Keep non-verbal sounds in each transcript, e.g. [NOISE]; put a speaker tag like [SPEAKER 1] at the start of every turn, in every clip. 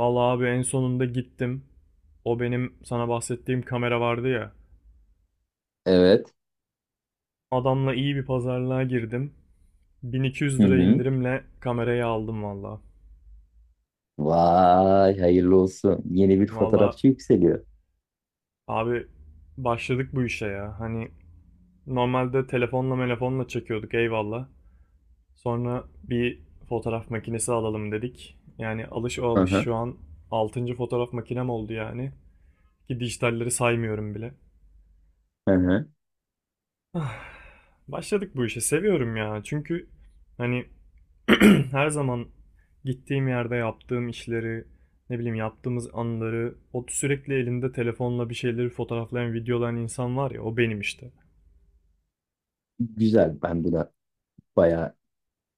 [SPEAKER 1] Vallahi abi en sonunda gittim. O benim sana bahsettiğim kamera vardı ya.
[SPEAKER 2] Evet.
[SPEAKER 1] Adamla iyi bir pazarlığa girdim.
[SPEAKER 2] Hı
[SPEAKER 1] 1200 lira
[SPEAKER 2] hı.
[SPEAKER 1] indirimle kamerayı aldım vallahi.
[SPEAKER 2] Vay hayırlı olsun. Yeni bir
[SPEAKER 1] Vallahi
[SPEAKER 2] fotoğrafçı yükseliyor.
[SPEAKER 1] abi başladık bu işe ya. Hani normalde telefonla çekiyorduk eyvallah. Sonra bir fotoğraf makinesi alalım dedik. Yani alış o
[SPEAKER 2] Hı
[SPEAKER 1] alış. Şu
[SPEAKER 2] hı.
[SPEAKER 1] an altıncı fotoğraf makinem oldu yani. Ki dijitalleri saymıyorum bile.
[SPEAKER 2] Hı hı.
[SPEAKER 1] Ah, Başladık bu işe. Seviyorum ya. Çünkü hani [CLEARS THROAT] her zaman gittiğim yerde yaptığım işleri, ne bileyim yaptığımız anları, o sürekli elinde telefonla bir şeyleri fotoğraflayan, videolayan insan var ya, o benim işte.
[SPEAKER 2] Güzel. Ben buna bayağı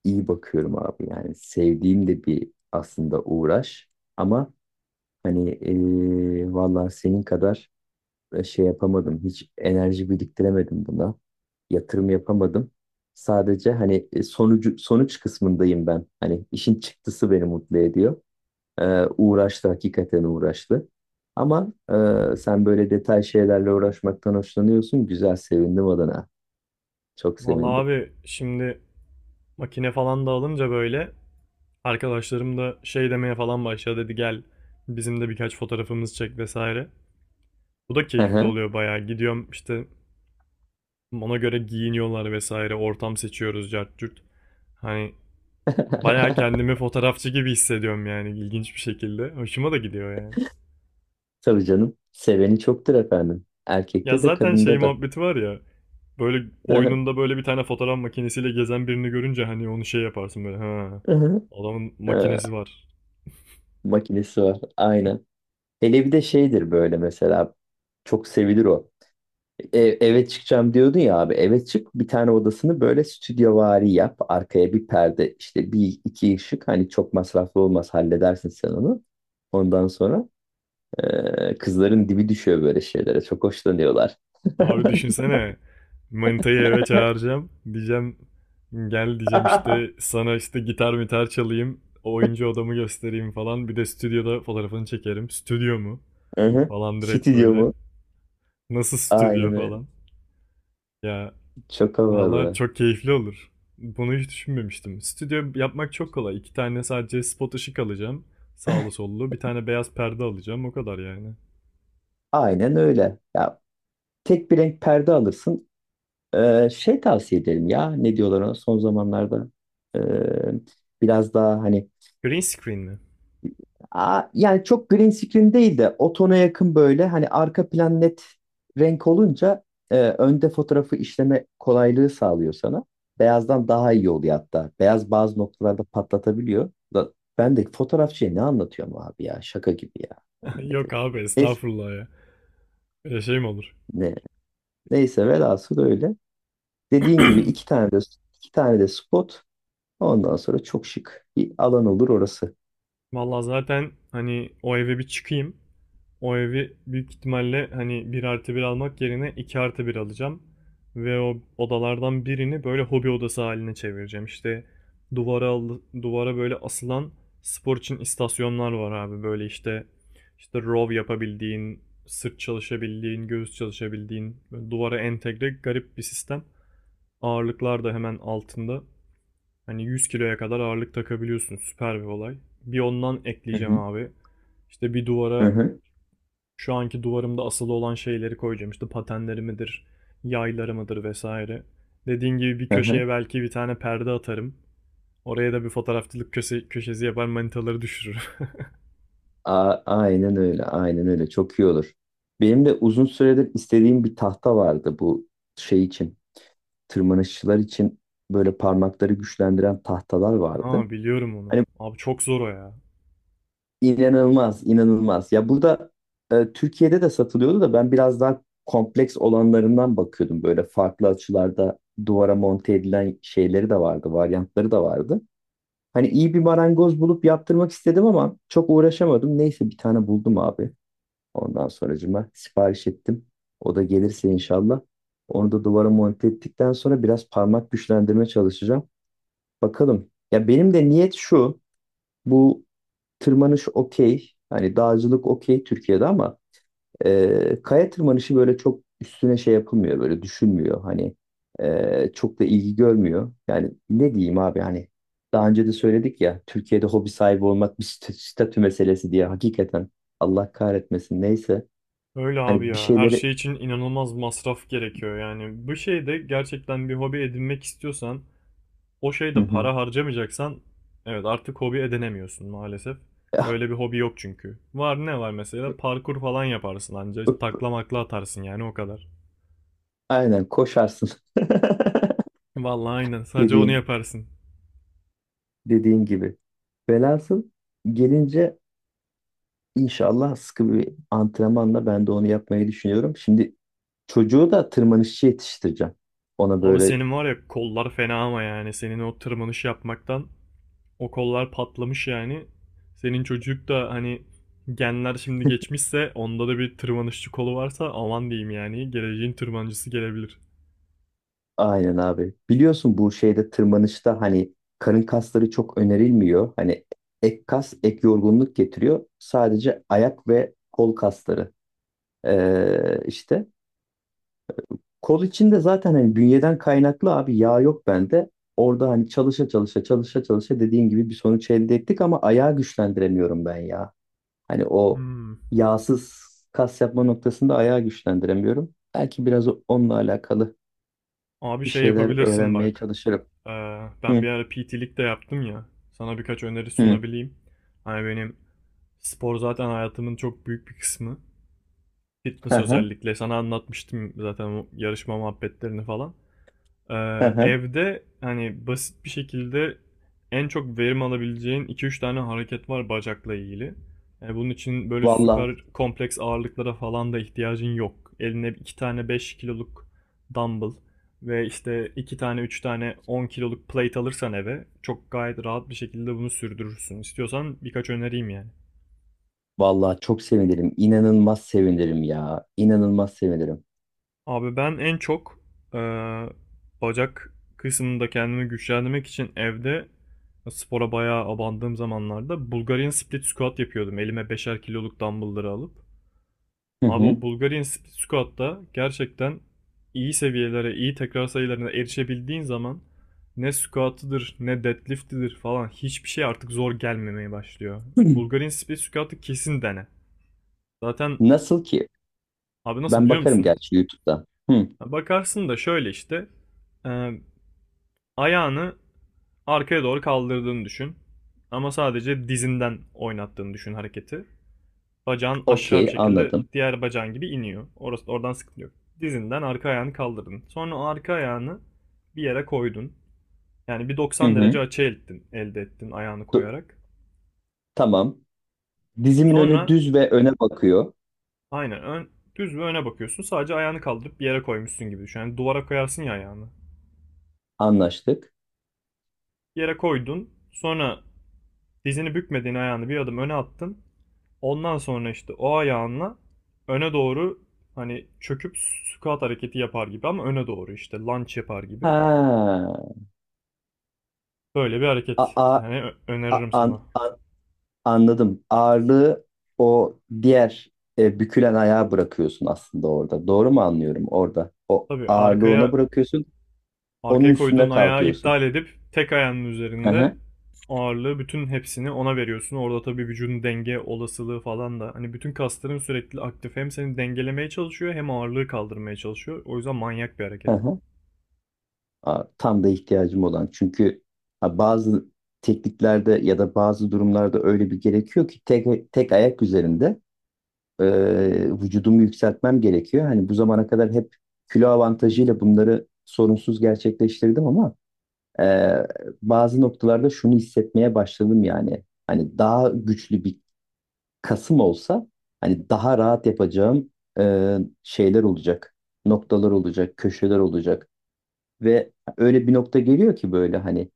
[SPEAKER 2] iyi bakıyorum abi. Yani sevdiğim de bir aslında uğraş. Ama hani vallahi senin kadar şey yapamadım. Hiç enerji biriktiremedim buna. Yatırım yapamadım. Sadece hani sonuç kısmındayım ben. Hani işin çıktısı beni mutlu ediyor. Uğraştı, hakikaten uğraştı. Ama sen böyle detay şeylerle uğraşmaktan hoşlanıyorsun. Güzel, sevindim adına. Çok
[SPEAKER 1] Vallahi
[SPEAKER 2] sevindim.
[SPEAKER 1] abi şimdi makine falan da alınca böyle arkadaşlarım da şey demeye falan başladı, dedi gel bizim de birkaç fotoğrafımız çek vesaire. Bu da
[SPEAKER 2] Hı
[SPEAKER 1] keyifli
[SPEAKER 2] hı.
[SPEAKER 1] oluyor bayağı. Gidiyorum işte ona göre giyiniyorlar vesaire, ortam seçiyoruz cart curt. Hani, bayağı
[SPEAKER 2] [LAUGHS]
[SPEAKER 1] kendimi fotoğrafçı gibi hissediyorum yani ilginç bir şekilde. Hoşuma da gidiyor yani.
[SPEAKER 2] Tabii canım. Seveni çoktur efendim.
[SPEAKER 1] Ya
[SPEAKER 2] Erkekte de
[SPEAKER 1] zaten şey
[SPEAKER 2] kadında da.
[SPEAKER 1] muhabbeti var ya. Böyle
[SPEAKER 2] Hı hı,
[SPEAKER 1] boynunda böyle bir tane fotoğraf makinesiyle gezen birini görünce hani onu şey yaparsın böyle. Ha,
[SPEAKER 2] hı hı.
[SPEAKER 1] adamın
[SPEAKER 2] Ee,
[SPEAKER 1] makinesi var.
[SPEAKER 2] Makinesi var. Aynen. Hele bir de şeydir böyle mesela. Çok sevilir o. E, eve çıkacağım diyordun ya abi. Eve çık, bir tane odasını böyle stüdyovari yap. Arkaya bir perde, işte bir iki ışık. Hani çok masraflı olmaz, halledersin sen onu. Ondan sonra kızların dibi düşüyor böyle şeylere. Çok hoşlanıyorlar.
[SPEAKER 1] Abi
[SPEAKER 2] [LAUGHS]
[SPEAKER 1] düşünsene. Manitayı eve çağıracağım. Diyeceğim gel diyeceğim işte sana, işte gitar mitar çalayım. Oyuncu odamı göstereyim falan. Bir de stüdyoda fotoğrafını çekerim. Stüdyo mu?
[SPEAKER 2] Hı hı.
[SPEAKER 1] Falan direkt
[SPEAKER 2] Stüdyo
[SPEAKER 1] böyle.
[SPEAKER 2] mu?
[SPEAKER 1] Nasıl stüdyo
[SPEAKER 2] Aynen öyle.
[SPEAKER 1] falan. Ya,
[SPEAKER 2] Çok
[SPEAKER 1] valla
[SPEAKER 2] havalı.
[SPEAKER 1] çok keyifli olur. Bunu hiç düşünmemiştim. Stüdyo yapmak çok kolay. İki tane sadece spot ışık alacağım. Sağlı sollu. Bir tane beyaz perde alacağım. O kadar yani.
[SPEAKER 2] Aynen öyle. Ya tek bir renk perde alırsın. Şey, tavsiye ederim ya. Ne diyorlar ona son zamanlarda? Ee, Biraz daha hani...
[SPEAKER 1] Green screen mi?
[SPEAKER 2] Aa, yani çok green screen değil de o tona yakın, böyle hani arka plan net renk olunca önde fotoğrafı işleme kolaylığı sağlıyor sana. Beyazdan daha iyi oluyor hatta. Beyaz bazı noktalarda patlatabiliyor. Da, ben de fotoğrafçıya ne anlatıyorum abi ya, şaka gibi ya.
[SPEAKER 1] [LAUGHS]
[SPEAKER 2] Yemin
[SPEAKER 1] Yok
[SPEAKER 2] ederim.
[SPEAKER 1] abi
[SPEAKER 2] Neyse,
[SPEAKER 1] estağfurullah ya. Öyle şey mi olur?
[SPEAKER 2] ne, Neyse, velhasıl öyle. Dediğin gibi iki tane de spot. Ondan sonra çok şık bir alan olur orası.
[SPEAKER 1] Vallahi zaten hani o eve bir çıkayım. O evi büyük ihtimalle hani 1+1 almak yerine 2+1 alacağım. Ve o odalardan birini böyle hobi odası haline çevireceğim. İşte duvara böyle asılan spor için istasyonlar var abi. Böyle işte row yapabildiğin, sırt çalışabildiğin, göğüs çalışabildiğin, böyle duvara entegre garip bir sistem. Ağırlıklar da hemen altında. Hani 100 kiloya kadar ağırlık takabiliyorsun. Süper bir olay. Bir ondan
[SPEAKER 2] Hı
[SPEAKER 1] ekleyeceğim
[SPEAKER 2] hı.
[SPEAKER 1] abi. İşte bir
[SPEAKER 2] Hı
[SPEAKER 1] duvara
[SPEAKER 2] hı.
[SPEAKER 1] şu anki duvarımda asılı olan şeyleri koyacağım. İşte patenlerimidir, yaylarımıdır vesaire. Dediğin gibi bir
[SPEAKER 2] Hı hı.
[SPEAKER 1] köşeye belki bir tane perde atarım. Oraya da bir fotoğrafçılık köşesi yapar, manitaları düşürür. [LAUGHS]
[SPEAKER 2] Aynen öyle, aynen öyle. Çok iyi olur. Benim de uzun süredir istediğim bir tahta vardı, bu şey için, tırmanışçılar için böyle parmakları güçlendiren tahtalar vardı.
[SPEAKER 1] Ha, biliyorum onu.
[SPEAKER 2] Hani
[SPEAKER 1] Abi çok zor o ya.
[SPEAKER 2] inanılmaz, inanılmaz. Ya burada Türkiye'de de satılıyordu da, ben biraz daha kompleks olanlarından bakıyordum. Böyle farklı açılarda duvara monte edilen şeyleri de vardı, varyantları da vardı. Hani iyi bir marangoz bulup yaptırmak istedim ama çok uğraşamadım. Neyse, bir tane buldum abi. Ondan sonracıma sipariş ettim. O da gelirse inşallah. Onu da duvara monte ettikten sonra biraz parmak güçlendirme çalışacağım. Bakalım. Ya benim de niyet şu. Bu tırmanış okey. Hani dağcılık okey Türkiye'de ama kaya tırmanışı böyle çok üstüne şey yapılmıyor. Böyle düşünmüyor. Hani çok da ilgi görmüyor. Yani ne diyeyim abi, hani daha önce de söyledik ya, Türkiye'de hobi sahibi olmak bir statü meselesi diye, hakikaten Allah kahretmesin, neyse,
[SPEAKER 1] Öyle abi
[SPEAKER 2] hani bir
[SPEAKER 1] ya. Her
[SPEAKER 2] şeyleri...
[SPEAKER 1] şey için inanılmaz masraf gerekiyor. Yani bu şeyde gerçekten bir hobi edinmek istiyorsan, o
[SPEAKER 2] Hı
[SPEAKER 1] şeyde
[SPEAKER 2] hı.
[SPEAKER 1] para harcamayacaksan evet artık hobi edinemiyorsun maalesef.
[SPEAKER 2] Ya,
[SPEAKER 1] Öyle bir hobi yok çünkü. Var ne var, mesela parkur falan yaparsın ancak, taklamakla atarsın yani, o kadar.
[SPEAKER 2] aynen koşarsın. [LAUGHS]
[SPEAKER 1] Vallahi aynen, sadece onu
[SPEAKER 2] Dediğin,
[SPEAKER 1] yaparsın.
[SPEAKER 2] Dediğin gibi. Velhasıl gelince inşallah sıkı bir antrenmanla ben de onu yapmayı düşünüyorum. Şimdi çocuğu da tırmanışçı yetiştireceğim. Ona
[SPEAKER 1] Abi
[SPEAKER 2] böyle
[SPEAKER 1] senin var ya kollar fena, ama yani senin o tırmanış yapmaktan o kollar patlamış yani. Senin çocuk da hani genler şimdi geçmişse onda da bir tırmanışçı kolu varsa aman diyeyim yani, geleceğin tırmancısı gelebilir.
[SPEAKER 2] aynen abi. Biliyorsun bu şeyde, tırmanışta, hani karın kasları çok önerilmiyor. Hani ek kas, ek yorgunluk getiriyor. Sadece ayak ve kol kasları işte. Kol içinde zaten hani bünyeden kaynaklı abi yağ yok bende. Orada hani çalışa çalışa çalışa çalışa dediğin gibi bir sonuç elde ettik ama ayağı güçlendiremiyorum ben ya. Hani o
[SPEAKER 1] Hmm.
[SPEAKER 2] yağsız kas yapma noktasında ayağı güçlendiremiyorum. Belki biraz onunla alakalı
[SPEAKER 1] Abi
[SPEAKER 2] bir
[SPEAKER 1] şey
[SPEAKER 2] şeyler
[SPEAKER 1] yapabilirsin
[SPEAKER 2] öğrenmeye
[SPEAKER 1] bak.
[SPEAKER 2] çalışırım.
[SPEAKER 1] Ben bir
[SPEAKER 2] Hı
[SPEAKER 1] ara PT'lik de yaptım ya. Sana birkaç öneri
[SPEAKER 2] hı.
[SPEAKER 1] sunabileyim. Hani benim spor zaten hayatımın çok büyük bir kısmı.
[SPEAKER 2] Hı
[SPEAKER 1] Fitness
[SPEAKER 2] hı.
[SPEAKER 1] özellikle. Sana anlatmıştım zaten o yarışma muhabbetlerini falan. Ee,
[SPEAKER 2] Hı hı.
[SPEAKER 1] Evde hani basit bir şekilde en çok verim alabileceğin iki üç tane hareket var bacakla ilgili. Bunun için böyle
[SPEAKER 2] Vallahi
[SPEAKER 1] süper kompleks ağırlıklara falan da ihtiyacın yok. Eline 2 tane 5 kiloluk dumbbell ve işte 2 tane 3 tane 10 kiloluk plate alırsan eve çok gayet rahat bir şekilde bunu sürdürürsün. İstiyorsan birkaç önereyim yani.
[SPEAKER 2] Vallahi çok sevinirim. İnanılmaz sevinirim ya. İnanılmaz sevinirim.
[SPEAKER 1] Abi ben en çok eee, bacak kısmında kendimi güçlendirmek için evde spora bayağı abandığım zamanlarda Bulgarian split squat yapıyordum. Elime 5'er kiloluk dumbbellları alıp.
[SPEAKER 2] Hı
[SPEAKER 1] Abi o
[SPEAKER 2] hı.
[SPEAKER 1] Bulgarian split squat'ta gerçekten iyi seviyelere, iyi tekrar sayılarına erişebildiğin zaman ne squat'ıdır ne deadlift'idir falan, hiçbir şey artık zor gelmemeye başlıyor.
[SPEAKER 2] [CLEARS THROAT] Hı.
[SPEAKER 1] Bulgarian split squat'ı kesin dene. Zaten
[SPEAKER 2] Nasıl ki?
[SPEAKER 1] abi nasıl
[SPEAKER 2] Ben
[SPEAKER 1] biliyor
[SPEAKER 2] bakarım
[SPEAKER 1] musun?
[SPEAKER 2] gerçi YouTube'da. Hı.
[SPEAKER 1] Bakarsın da şöyle işte. Ee, Ayağını arkaya doğru kaldırdığını düşün. Ama sadece dizinden oynattığını düşün hareketi. Bacağın aşağı bir
[SPEAKER 2] Okey,
[SPEAKER 1] şekilde
[SPEAKER 2] anladım.
[SPEAKER 1] diğer bacağın gibi iniyor. Orası oradan sıkıntı yok. Dizinden arka ayağını kaldırdın. Sonra arka ayağını bir yere koydun. Yani bir
[SPEAKER 2] Hı
[SPEAKER 1] 90
[SPEAKER 2] hı.
[SPEAKER 1] derece açı ettin, elde ettin ayağını
[SPEAKER 2] Du-
[SPEAKER 1] koyarak.
[SPEAKER 2] Tamam. Dizimin önü
[SPEAKER 1] Sonra
[SPEAKER 2] düz ve öne bakıyor.
[SPEAKER 1] aynen ön, düz ve öne bakıyorsun. Sadece ayağını kaldırıp bir yere koymuşsun gibi düşün. Yani duvara koyarsın ya ayağını.
[SPEAKER 2] Anlaştık.
[SPEAKER 1] Bir yere koydun. Sonra dizini bükmediğin ayağını bir adım öne attın. Ondan sonra işte o ayağınla öne doğru hani çöküp squat hareketi yapar gibi, ama öne doğru işte lunge yapar gibi.
[SPEAKER 2] Ha.
[SPEAKER 1] Böyle bir
[SPEAKER 2] A,
[SPEAKER 1] hareket.
[SPEAKER 2] a,
[SPEAKER 1] Yani
[SPEAKER 2] a-
[SPEAKER 1] öneririm sana.
[SPEAKER 2] an, an- Anladım. Ağırlığı o diğer bükülen ayağa bırakıyorsun aslında orada. Doğru mu anlıyorum orada? O
[SPEAKER 1] Tabii
[SPEAKER 2] ağırlığı ona
[SPEAKER 1] arkaya
[SPEAKER 2] bırakıyorsun. Onun
[SPEAKER 1] arkaya koyduğun
[SPEAKER 2] üstünde
[SPEAKER 1] ayağı
[SPEAKER 2] kalkıyorsun.
[SPEAKER 1] iptal edip tek ayağının
[SPEAKER 2] Hı
[SPEAKER 1] üzerinde
[SPEAKER 2] hı.
[SPEAKER 1] ağırlığı bütün hepsini ona veriyorsun. Orada tabii vücudun denge olasılığı falan da hani, bütün kasların sürekli aktif, hem seni dengelemeye çalışıyor hem ağırlığı kaldırmaya çalışıyor. O yüzden manyak bir
[SPEAKER 2] Hı
[SPEAKER 1] hareket.
[SPEAKER 2] hı. Aa, tam da ihtiyacım olan. Çünkü ha, bazı tekniklerde ya da bazı durumlarda öyle bir gerekiyor ki tek tek ayak üzerinde e, vücudumu yükseltmem gerekiyor. Hani bu zamana kadar hep kilo avantajıyla bunları sorunsuz gerçekleştirdim ama e, bazı noktalarda şunu hissetmeye başladım yani. Hani daha güçlü bir kasım olsa hani daha rahat yapacağım şeyler olacak. Noktalar olacak, köşeler olacak ve öyle bir nokta geliyor ki böyle hani...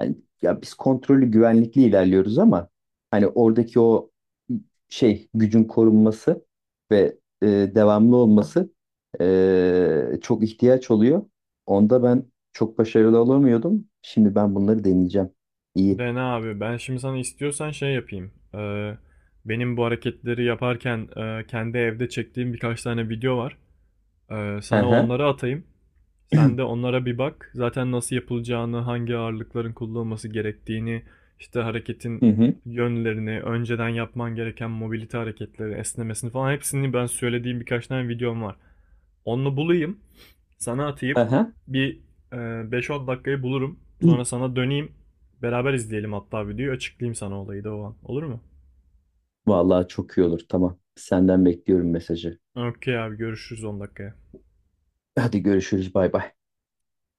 [SPEAKER 2] Hani ya biz kontrollü, güvenlikli ilerliyoruz ama hani oradaki o şey, gücün korunması ve devamlı olması çok ihtiyaç oluyor. Onda ben çok başarılı olamıyordum. Şimdi ben bunları deneyeceğim. İyi.
[SPEAKER 1] Dene abi. Ben şimdi sana istiyorsan şey yapayım. Benim bu hareketleri yaparken kendi evde çektiğim birkaç tane video var.
[SPEAKER 2] Hı
[SPEAKER 1] Sana
[SPEAKER 2] hı.
[SPEAKER 1] onları atayım. Sen de onlara bir bak. Zaten nasıl yapılacağını, hangi ağırlıkların kullanılması gerektiğini, işte
[SPEAKER 2] Hı
[SPEAKER 1] hareketin
[SPEAKER 2] hı.
[SPEAKER 1] yönlerini, önceden yapman gereken mobilite hareketleri, esnemesini falan hepsini ben söylediğim birkaç tane videom var. Onu bulayım. Sana
[SPEAKER 2] Hı
[SPEAKER 1] atayım.
[SPEAKER 2] hı.
[SPEAKER 1] Bir 5-10 dakikayı bulurum. Sonra sana döneyim. Beraber izleyelim hatta videoyu. Açıklayayım sana olayı da o an. Olur mu?
[SPEAKER 2] Vallahi çok iyi olur. Tamam. Senden bekliyorum mesajı.
[SPEAKER 1] Okey abi, görüşürüz 10 dakikaya.
[SPEAKER 2] Hadi görüşürüz. Bay bay.